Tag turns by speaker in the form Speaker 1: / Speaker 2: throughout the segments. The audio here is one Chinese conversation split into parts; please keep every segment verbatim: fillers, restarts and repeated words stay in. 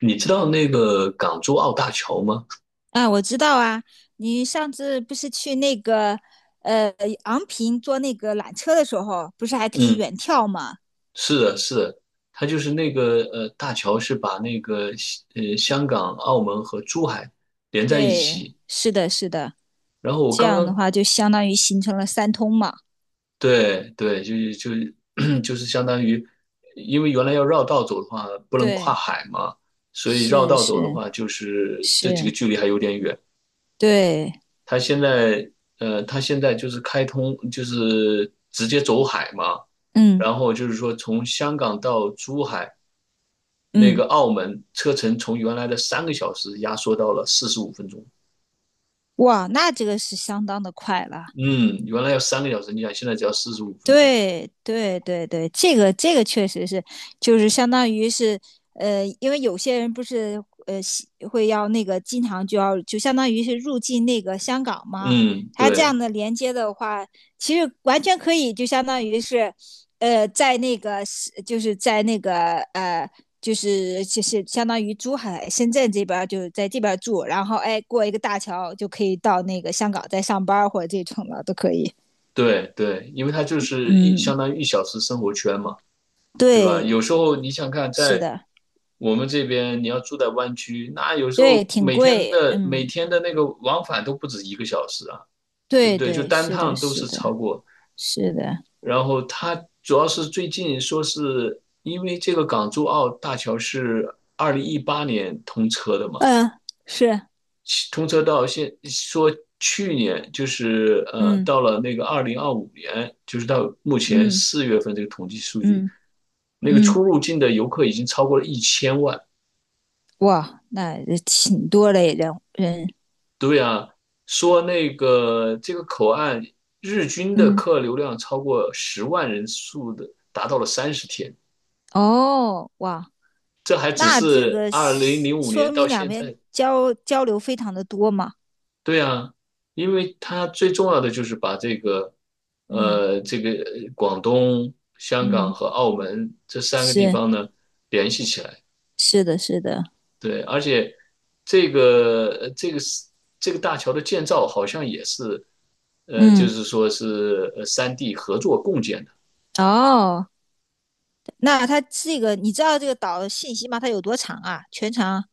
Speaker 1: 你知道那个港珠澳大桥吗？
Speaker 2: 啊，我知道啊，你上次不是去那个呃昂坪坐那个缆车的时候，不是还可以
Speaker 1: 嗯，
Speaker 2: 远眺吗？
Speaker 1: 是的，是的，它就是那个呃，大桥是把那个呃香港、澳门和珠海连在一
Speaker 2: 对，
Speaker 1: 起。
Speaker 2: 是的，是的，
Speaker 1: 然后我
Speaker 2: 这
Speaker 1: 刚
Speaker 2: 样的
Speaker 1: 刚，
Speaker 2: 话就相当于形成了三通嘛。
Speaker 1: 对对，就是就是 就是相当于，因为原来要绕道走的话不能跨
Speaker 2: 对，
Speaker 1: 海嘛，所以绕
Speaker 2: 是
Speaker 1: 道走的
Speaker 2: 是
Speaker 1: 话就是这几个
Speaker 2: 是，
Speaker 1: 距离还有点远。
Speaker 2: 对，
Speaker 1: 它现在呃，它现在就是开通，就是直接走海嘛。
Speaker 2: 嗯
Speaker 1: 然后就是说从香港到珠海，那
Speaker 2: 嗯，
Speaker 1: 个澳门车程从原来的三个小时压缩到了四十五分钟。
Speaker 2: 哇，那这个是相当的快了。
Speaker 1: 嗯，原来要三个小时，你想现在只要四十五分钟。
Speaker 2: 对对对对，这个这个确实是，就是相当于是，呃，因为有些人不是呃喜会要那个经常就要就相当于是入境那个香港嘛，
Speaker 1: 嗯，
Speaker 2: 他这
Speaker 1: 对
Speaker 2: 样的连接的话，其实完全可以就相当于是，呃，在那个是就是在那个呃就是就是相当于珠海、深圳这边儿就是在这边儿住，然后哎过一个大桥就可以到那个香港再上班儿或者这种的都可以。
Speaker 1: 对对，因为它就是一相
Speaker 2: 嗯。
Speaker 1: 当于一小时生活圈嘛，对吧？
Speaker 2: 对，
Speaker 1: 有时候你想看，
Speaker 2: 是
Speaker 1: 在
Speaker 2: 的，
Speaker 1: 我们这边，你要住在湾区，那有时
Speaker 2: 对，
Speaker 1: 候
Speaker 2: 挺
Speaker 1: 每天
Speaker 2: 贵，
Speaker 1: 的每
Speaker 2: 嗯，
Speaker 1: 天的那个往返都不止一个小时啊。对不
Speaker 2: 对
Speaker 1: 对？就
Speaker 2: 对，
Speaker 1: 单
Speaker 2: 是的，
Speaker 1: 趟都
Speaker 2: 是
Speaker 1: 是
Speaker 2: 的，
Speaker 1: 超过。
Speaker 2: 是的，
Speaker 1: 然后它主要是最近说是因为这个港珠澳大桥是二零一八年通车的嘛，
Speaker 2: 嗯、是，
Speaker 1: 通车到现说去年就是呃
Speaker 2: 嗯
Speaker 1: 到了那个二零二五年，就是到目前
Speaker 2: 嗯
Speaker 1: 四月份这个统计数据，
Speaker 2: 嗯
Speaker 1: 那个出
Speaker 2: 嗯，
Speaker 1: 入境的游客已经超过了一千万。
Speaker 2: 哇，那也挺多嘞，人人，
Speaker 1: 对啊，说那个这个口岸日均的
Speaker 2: 嗯，
Speaker 1: 客流量超过十万人数的，达到了三十天。
Speaker 2: 哦，哇，
Speaker 1: 这还只
Speaker 2: 那这
Speaker 1: 是
Speaker 2: 个
Speaker 1: 二零
Speaker 2: 是
Speaker 1: 零五年
Speaker 2: 说
Speaker 1: 到
Speaker 2: 明两
Speaker 1: 现
Speaker 2: 边
Speaker 1: 在，
Speaker 2: 交交流非常的多嘛，
Speaker 1: 对啊，因为它最重要的就是把这个，
Speaker 2: 嗯
Speaker 1: 呃，这个广东、香港
Speaker 2: 嗯，
Speaker 1: 和澳门这三个地
Speaker 2: 是
Speaker 1: 方呢联系起来，
Speaker 2: 是的，是的，
Speaker 1: 对，而且这个这个这个大桥的建造好像也是，呃，就
Speaker 2: 嗯，
Speaker 1: 是说是呃三地合作共建的，
Speaker 2: 哦，那它这个你知道这个岛信息吗？它有多长啊？全长？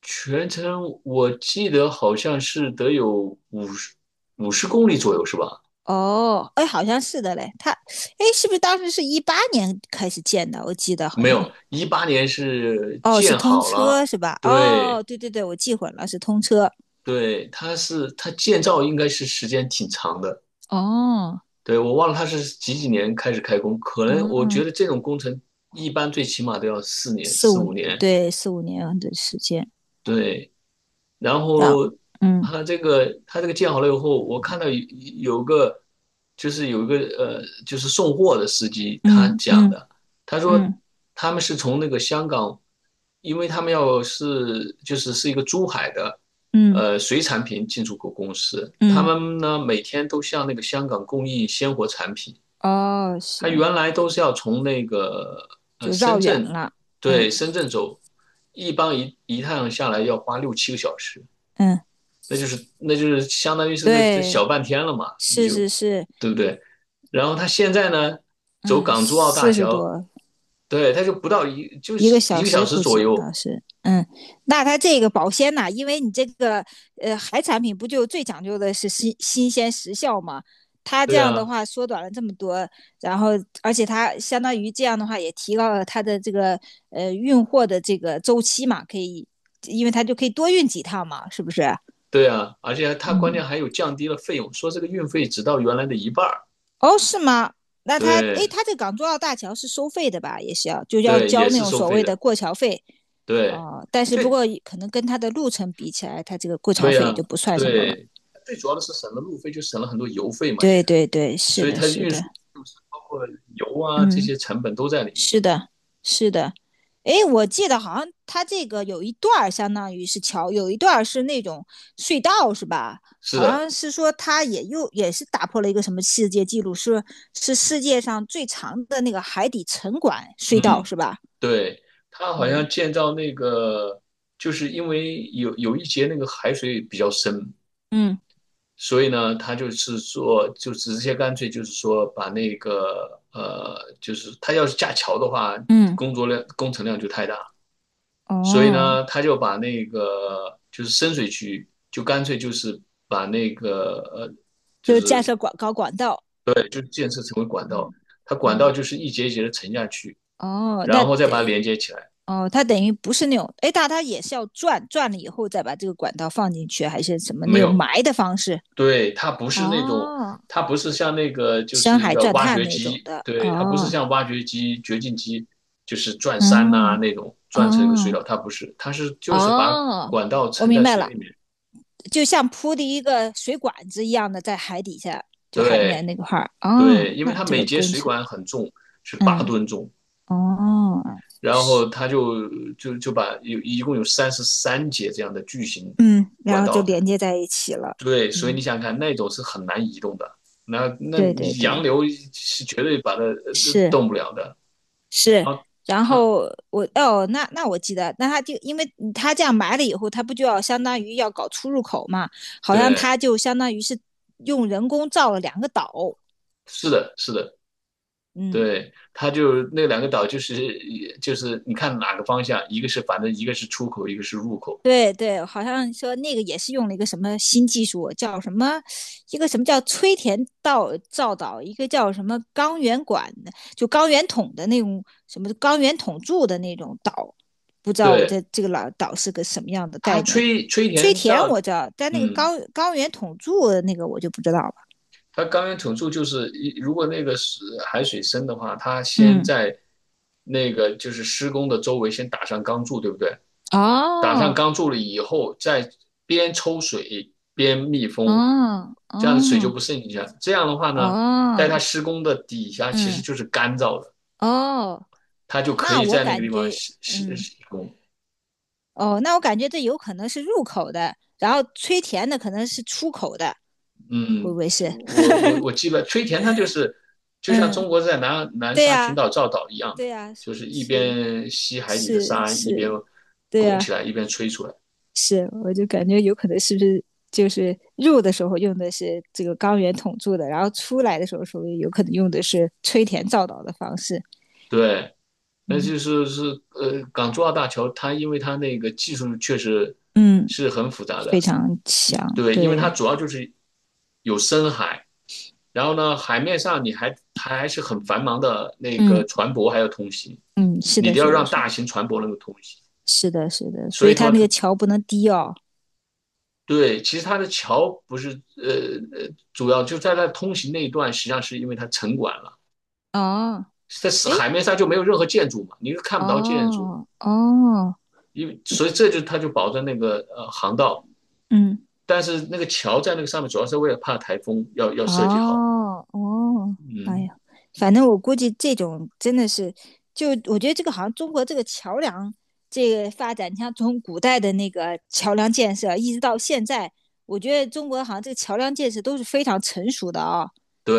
Speaker 1: 全程我记得好像是得有五十五十公里左右，是吧？
Speaker 2: 哦，哎，好像是的嘞。他，哎，是不是当时是一八年开始建的？我记得好
Speaker 1: 没
Speaker 2: 像，
Speaker 1: 有，一八年是
Speaker 2: 哦，是
Speaker 1: 建
Speaker 2: 通
Speaker 1: 好了，
Speaker 2: 车是吧？哦，
Speaker 1: 对
Speaker 2: 对对对，我记混了，是通车。
Speaker 1: 对，它是它建造应该是时间挺长的，
Speaker 2: 哦，
Speaker 1: 对，我忘了它是几几年开始开工，可能我觉
Speaker 2: 嗯，
Speaker 1: 得这种工程一般最起码都要四年
Speaker 2: 四
Speaker 1: 四
Speaker 2: 五，
Speaker 1: 五年，
Speaker 2: 对，四五年的时间。
Speaker 1: 对，然
Speaker 2: 然后，
Speaker 1: 后
Speaker 2: 嗯
Speaker 1: 他这个他这个建好了以后，我看到有有个就是有一个呃就是送货的司机他
Speaker 2: 嗯
Speaker 1: 讲
Speaker 2: 嗯
Speaker 1: 的，他说
Speaker 2: 嗯
Speaker 1: 他们是从那个香港，因为他们要是就是是一个珠海的
Speaker 2: 嗯
Speaker 1: 呃水产品进出口公司，他
Speaker 2: 嗯，
Speaker 1: 们呢每天都向那个香港供应鲜活产品，
Speaker 2: 哦，是，
Speaker 1: 他原来都是要从那个呃
Speaker 2: 就绕
Speaker 1: 深
Speaker 2: 远
Speaker 1: 圳，
Speaker 2: 了。
Speaker 1: 对，
Speaker 2: 嗯
Speaker 1: 深圳走。一般一一趟下来要花六七个小时，
Speaker 2: 嗯，
Speaker 1: 那就是那就是相当于是个这
Speaker 2: 对，
Speaker 1: 小半天了嘛，你
Speaker 2: 是
Speaker 1: 就
Speaker 2: 是是，
Speaker 1: 对不对？然后他现在呢，走
Speaker 2: 嗯，
Speaker 1: 港珠澳大
Speaker 2: 四十
Speaker 1: 桥，
Speaker 2: 多
Speaker 1: 对，他就不到一就
Speaker 2: 一个
Speaker 1: 是一
Speaker 2: 小
Speaker 1: 个小
Speaker 2: 时
Speaker 1: 时
Speaker 2: 估
Speaker 1: 左
Speaker 2: 计
Speaker 1: 右，
Speaker 2: 要是，嗯，那它这个保鲜呐、啊因为你这个呃海产品不就最讲究的是新新鲜时效嘛？它这
Speaker 1: 对
Speaker 2: 样的
Speaker 1: 啊，
Speaker 2: 话缩短了这么多，然后而且它相当于这样的话也提高了它的这个呃运货的这个周期嘛，可以，因为它就可以多运几趟嘛，是不是？
Speaker 1: 对啊，而且他关键
Speaker 2: 嗯，
Speaker 1: 还有降低了费用，说这个运费只到原来的一半儿，
Speaker 2: 哦，是吗？那他，诶，
Speaker 1: 对
Speaker 2: 他这港珠澳大桥是收费的吧？也是要就要
Speaker 1: 对，也
Speaker 2: 交那
Speaker 1: 是
Speaker 2: 种
Speaker 1: 收
Speaker 2: 所
Speaker 1: 费
Speaker 2: 谓
Speaker 1: 的，
Speaker 2: 的过桥费，
Speaker 1: 对，
Speaker 2: 哦，但是不
Speaker 1: 最
Speaker 2: 过可能跟他的路程比起来，他这个过桥
Speaker 1: 对
Speaker 2: 费
Speaker 1: 呀、
Speaker 2: 也就不算什么了。
Speaker 1: 对，最主要的是省了路费，就省了很多油费嘛也，
Speaker 2: 对对对，是
Speaker 1: 所以
Speaker 2: 的，
Speaker 1: 它
Speaker 2: 是
Speaker 1: 运输
Speaker 2: 的，
Speaker 1: 费用是包括油啊这些
Speaker 2: 嗯。
Speaker 1: 成本都在里面嘛，
Speaker 2: 是的，是的。诶，我记得好像它这个有一段儿相当于是桥，有一段儿是那种隧道，是吧？
Speaker 1: 是
Speaker 2: 好
Speaker 1: 的，
Speaker 2: 像是说它也又也是打破了一个什么世界纪录，是是世界上最长的那个海底沉管隧道，
Speaker 1: 嗯。
Speaker 2: 是吧？
Speaker 1: 对，它好像
Speaker 2: 嗯
Speaker 1: 建造那个，就是因为有有一节那个海水比较深，
Speaker 2: 嗯
Speaker 1: 所以呢，它就是说，就直接干脆就是说，把那个呃，就是它要是架桥的话，
Speaker 2: 嗯，
Speaker 1: 工作量工程量就太大，所以
Speaker 2: 哦，
Speaker 1: 呢，他就把那个就是深水区，就干脆就是把那个呃，就
Speaker 2: 就是架设
Speaker 1: 是
Speaker 2: 管高管道，
Speaker 1: 建设成为管道，
Speaker 2: 嗯
Speaker 1: 它管道
Speaker 2: 嗯，
Speaker 1: 就是一节一节的沉下去，
Speaker 2: 哦，那
Speaker 1: 然后再把它
Speaker 2: 得
Speaker 1: 连接起来。
Speaker 2: 哦，它等于不是那种，诶，但它也是要转转了以后再把这个管道放进去，还是什么那
Speaker 1: 没
Speaker 2: 种
Speaker 1: 有，
Speaker 2: 埋的方式？
Speaker 1: 对，它不是那种，
Speaker 2: 哦
Speaker 1: 它不是像那个就
Speaker 2: 深
Speaker 1: 是
Speaker 2: 海
Speaker 1: 要
Speaker 2: 钻
Speaker 1: 挖
Speaker 2: 探
Speaker 1: 掘
Speaker 2: 那种
Speaker 1: 机，
Speaker 2: 的。
Speaker 1: 对，它不是
Speaker 2: 哦
Speaker 1: 像挖掘机、掘进机，就是转山呐、
Speaker 2: 嗯
Speaker 1: 那种转成一个隧道。
Speaker 2: 哦
Speaker 1: 它不是，它是就是把
Speaker 2: 哦，
Speaker 1: 管道
Speaker 2: 我
Speaker 1: 沉
Speaker 2: 明
Speaker 1: 在
Speaker 2: 白
Speaker 1: 水
Speaker 2: 了，
Speaker 1: 里面。
Speaker 2: 就像铺的一个水管子一样的，在海底下，就海面
Speaker 1: 对
Speaker 2: 那块儿。
Speaker 1: 对，
Speaker 2: 哦
Speaker 1: 因为
Speaker 2: 那
Speaker 1: 它
Speaker 2: 这
Speaker 1: 每
Speaker 2: 个
Speaker 1: 节
Speaker 2: 工
Speaker 1: 水
Speaker 2: 程，
Speaker 1: 管很重，是八
Speaker 2: 嗯
Speaker 1: 吨重，
Speaker 2: 哦，
Speaker 1: 然后
Speaker 2: 是，
Speaker 1: 它就就就把有一共有三十三节这样的巨型
Speaker 2: 嗯，然
Speaker 1: 管
Speaker 2: 后就
Speaker 1: 道，
Speaker 2: 连接在一起了。
Speaker 1: 对，所以你
Speaker 2: 嗯，
Speaker 1: 想想看，那种是很难移动的，那那
Speaker 2: 对对
Speaker 1: 你洋
Speaker 2: 对，
Speaker 1: 流是绝对把它呃
Speaker 2: 是。
Speaker 1: 动不了的。
Speaker 2: 是，
Speaker 1: 然后
Speaker 2: 然
Speaker 1: 他，
Speaker 2: 后我哦，那那我记得，那他就因为他这样埋了以后，他不就要相当于要搞出入口嘛？好像
Speaker 1: 对，
Speaker 2: 他就相当于是用人工造了两个岛，
Speaker 1: 是的，是的，
Speaker 2: 嗯，
Speaker 1: 对，他就那两个岛，就是就是你看哪个方向，一个是反正一个是出口，一个是入口。
Speaker 2: 对对，好像说那个也是用了一个什么新技术，叫什么一个什么叫吹田道造岛，一个叫什么钢圆管的，就钢圆筒的那种什么钢圆筒柱的那种岛，不知道我这
Speaker 1: 对，
Speaker 2: 这个老岛是个什么样的
Speaker 1: 他
Speaker 2: 概念。
Speaker 1: 吹吹
Speaker 2: 崔
Speaker 1: 填
Speaker 2: 田我
Speaker 1: 造，
Speaker 2: 知道，但那个
Speaker 1: 嗯，
Speaker 2: 高高原统助那个我就不知道了。
Speaker 1: 他钢源筒柱就是一，如果那个是海水深的话，他先
Speaker 2: 嗯，
Speaker 1: 在那个就是施工的周围先打上钢柱，对不对？打上
Speaker 2: 哦，
Speaker 1: 钢柱了以后，再边抽水边密封，
Speaker 2: 哦，
Speaker 1: 这样的水就
Speaker 2: 哦，
Speaker 1: 不渗进去了。这样的话呢，在
Speaker 2: 哦，
Speaker 1: 它施工的底下其实
Speaker 2: 嗯，
Speaker 1: 就是干燥的，
Speaker 2: 哦，
Speaker 1: 它就可
Speaker 2: 那
Speaker 1: 以
Speaker 2: 我
Speaker 1: 在那个
Speaker 2: 感
Speaker 1: 地方
Speaker 2: 觉，
Speaker 1: 施施
Speaker 2: 嗯，
Speaker 1: 施工。
Speaker 2: 哦，那我感觉这有可能是入口的，然后崔田的可能是出口的，会不
Speaker 1: 嗯，
Speaker 2: 会是？
Speaker 1: 我我我记得吹田它就是就像
Speaker 2: 嗯，
Speaker 1: 中国在南南
Speaker 2: 对
Speaker 1: 沙群
Speaker 2: 呀、
Speaker 1: 岛造岛一样的，
Speaker 2: 对呀、是
Speaker 1: 就是一边吸海底的
Speaker 2: 是
Speaker 1: 沙，一边
Speaker 2: 是，对
Speaker 1: 拱起
Speaker 2: 呀、
Speaker 1: 来，一边吹出来。
Speaker 2: 是，我就感觉有可能是不是就是入的时候用的是这个钢圆筒柱的，然后出来的时候说有可能用的是吹填造岛的方式。
Speaker 1: 对。那
Speaker 2: 嗯
Speaker 1: 就是是呃，港珠澳大桥它因为它那个技术确实
Speaker 2: 嗯
Speaker 1: 是很复杂
Speaker 2: 非
Speaker 1: 的，
Speaker 2: 常
Speaker 1: 一
Speaker 2: 强，
Speaker 1: 对，因为它
Speaker 2: 对，
Speaker 1: 主要就是有深海，然后呢，海面上你还它还是很繁忙的那个
Speaker 2: 嗯，
Speaker 1: 船舶还要通行，
Speaker 2: 嗯，是
Speaker 1: 你
Speaker 2: 的，
Speaker 1: 都要
Speaker 2: 是的，
Speaker 1: 让
Speaker 2: 是
Speaker 1: 大
Speaker 2: 的
Speaker 1: 型船舶能够通行，
Speaker 2: 是的，是的，所
Speaker 1: 所
Speaker 2: 以
Speaker 1: 以
Speaker 2: 它
Speaker 1: 说
Speaker 2: 那个
Speaker 1: 它，
Speaker 2: 桥不能低哦。
Speaker 1: 对，其实它的桥不是呃呃主要就在它通行那一段，实际上是因为它沉管了，
Speaker 2: 哦，
Speaker 1: 在
Speaker 2: 哎，
Speaker 1: 海面上就没有任何建筑嘛，你又看不到建筑。
Speaker 2: 哦哦，
Speaker 1: 因为所以这就他就保证那个呃航道，
Speaker 2: 嗯，
Speaker 1: 但是那个桥在那个上面主要是为了怕台风要要设计好，
Speaker 2: 哦哦，哎
Speaker 1: 嗯，
Speaker 2: 呀，反正我估计这种真的是，就我觉得这个好像中国这个桥梁这个发展，你像从古代的那个桥梁建设，一直到现在，我觉得中国好像这个桥梁建设都是非常成熟的啊、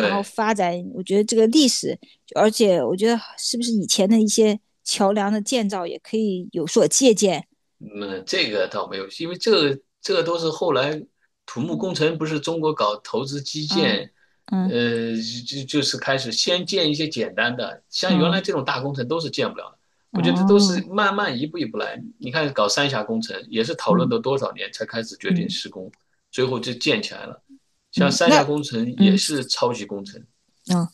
Speaker 2: 然后发展，我觉得这个历史，就而且我觉得是不是以前的一些桥梁的建造也可以有所借鉴。
Speaker 1: 嗯，这个倒没有，因为这个这个都是后来土木工
Speaker 2: 嗯，
Speaker 1: 程不是中国搞投资基
Speaker 2: 啊，
Speaker 1: 建，
Speaker 2: 嗯
Speaker 1: 呃，就就是开始先建一些简单的，像原来
Speaker 2: 嗯
Speaker 1: 这种大工程都是建不了的。
Speaker 2: 哦，
Speaker 1: 我觉得都是
Speaker 2: 哦
Speaker 1: 慢慢一步一步来。你看搞三峡工程也是讨论
Speaker 2: 嗯
Speaker 1: 了多少年才开始决定
Speaker 2: 嗯
Speaker 1: 施工，最后就建起来了。像
Speaker 2: 嗯，
Speaker 1: 三
Speaker 2: 那
Speaker 1: 峡工程也
Speaker 2: 嗯。
Speaker 1: 是超级工程，
Speaker 2: 嗯，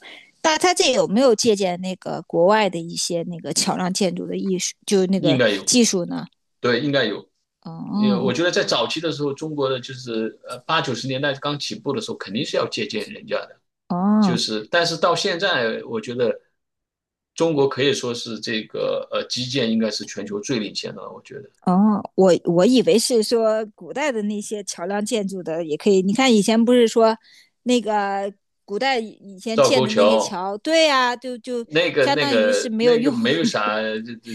Speaker 2: 那他这有没有借鉴那个国外的一些那个桥梁建筑的艺术，就是那
Speaker 1: 应
Speaker 2: 个
Speaker 1: 该有，
Speaker 2: 技术呢？
Speaker 1: 对，应该有。也我
Speaker 2: 哦
Speaker 1: 觉得在早期的时候，中国的就是呃八九十年代刚起步的时候，肯定是要借鉴人家的，就
Speaker 2: 哦
Speaker 1: 是但是到现在，我觉得中国可以说是这个呃基建应该是全球最领先的了。我觉得
Speaker 2: 哦，我我以为是说古代的那些桥梁建筑的也可以。你看以前不是说那个古代以前
Speaker 1: 赵
Speaker 2: 建
Speaker 1: 沟
Speaker 2: 的那些
Speaker 1: 桥
Speaker 2: 桥，对呀、啊就就
Speaker 1: 那个
Speaker 2: 相
Speaker 1: 那
Speaker 2: 当于是
Speaker 1: 个
Speaker 2: 没有
Speaker 1: 那个
Speaker 2: 用，
Speaker 1: 没有啥，这这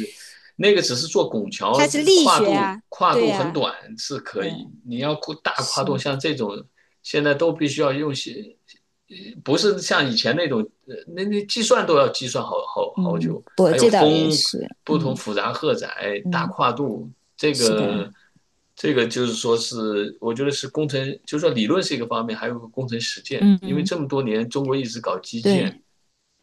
Speaker 1: 那个只是做拱桥，
Speaker 2: 它是
Speaker 1: 这
Speaker 2: 力
Speaker 1: 跨
Speaker 2: 学
Speaker 1: 度
Speaker 2: 啊，
Speaker 1: 跨
Speaker 2: 对
Speaker 1: 度
Speaker 2: 呀、
Speaker 1: 很
Speaker 2: 啊
Speaker 1: 短是可
Speaker 2: 嗯，
Speaker 1: 以，你要大跨
Speaker 2: 是，
Speaker 1: 度，像这种现在都必须要用些不是像以前那种，呃那那计算都要计算好好好
Speaker 2: 嗯，
Speaker 1: 久，
Speaker 2: 我
Speaker 1: 还有
Speaker 2: 这倒也
Speaker 1: 风
Speaker 2: 是，
Speaker 1: 不同
Speaker 2: 嗯
Speaker 1: 复杂荷载大
Speaker 2: 嗯，
Speaker 1: 跨度，这
Speaker 2: 是的，
Speaker 1: 个这个就是说是我觉得是工程，就是说理论是一个方面，还有个工程实践，
Speaker 2: 嗯
Speaker 1: 因为
Speaker 2: 嗯，
Speaker 1: 这么多年中国一直搞基建，
Speaker 2: 对。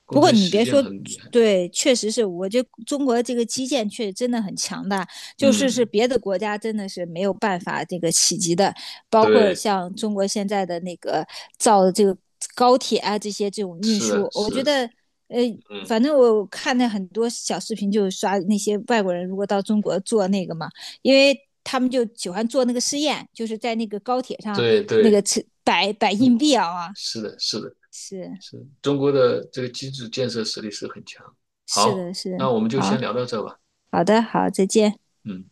Speaker 1: 工
Speaker 2: 不过
Speaker 1: 程
Speaker 2: 你
Speaker 1: 实
Speaker 2: 别
Speaker 1: 践
Speaker 2: 说，
Speaker 1: 很厉害。
Speaker 2: 对，确实是我觉得中国这个基建确实真的很强大，就是是
Speaker 1: 嗯，
Speaker 2: 别的国家真的是没有办法这个企及的，包括
Speaker 1: 对，
Speaker 2: 像中国现在的那个造的这个高铁啊这些这种运
Speaker 1: 是的，
Speaker 2: 输，我
Speaker 1: 是
Speaker 2: 觉
Speaker 1: 的
Speaker 2: 得呃。
Speaker 1: 嗯，
Speaker 2: 反正我看那很多小视频，就是刷那些外国人如果到中国做那个嘛，因为他们就喜欢做那个试验，就是在那个高铁上
Speaker 1: 对
Speaker 2: 那
Speaker 1: 对，
Speaker 2: 个吃摆摆硬
Speaker 1: 嗯，
Speaker 2: 币啊，
Speaker 1: 是的，是的，
Speaker 2: 是
Speaker 1: 是的中国的这个基础建设实力是很强。
Speaker 2: 是的
Speaker 1: 好，那
Speaker 2: 是
Speaker 1: 我们就
Speaker 2: 啊。
Speaker 1: 先聊到这吧。
Speaker 2: 好的，好，再见。
Speaker 1: 嗯。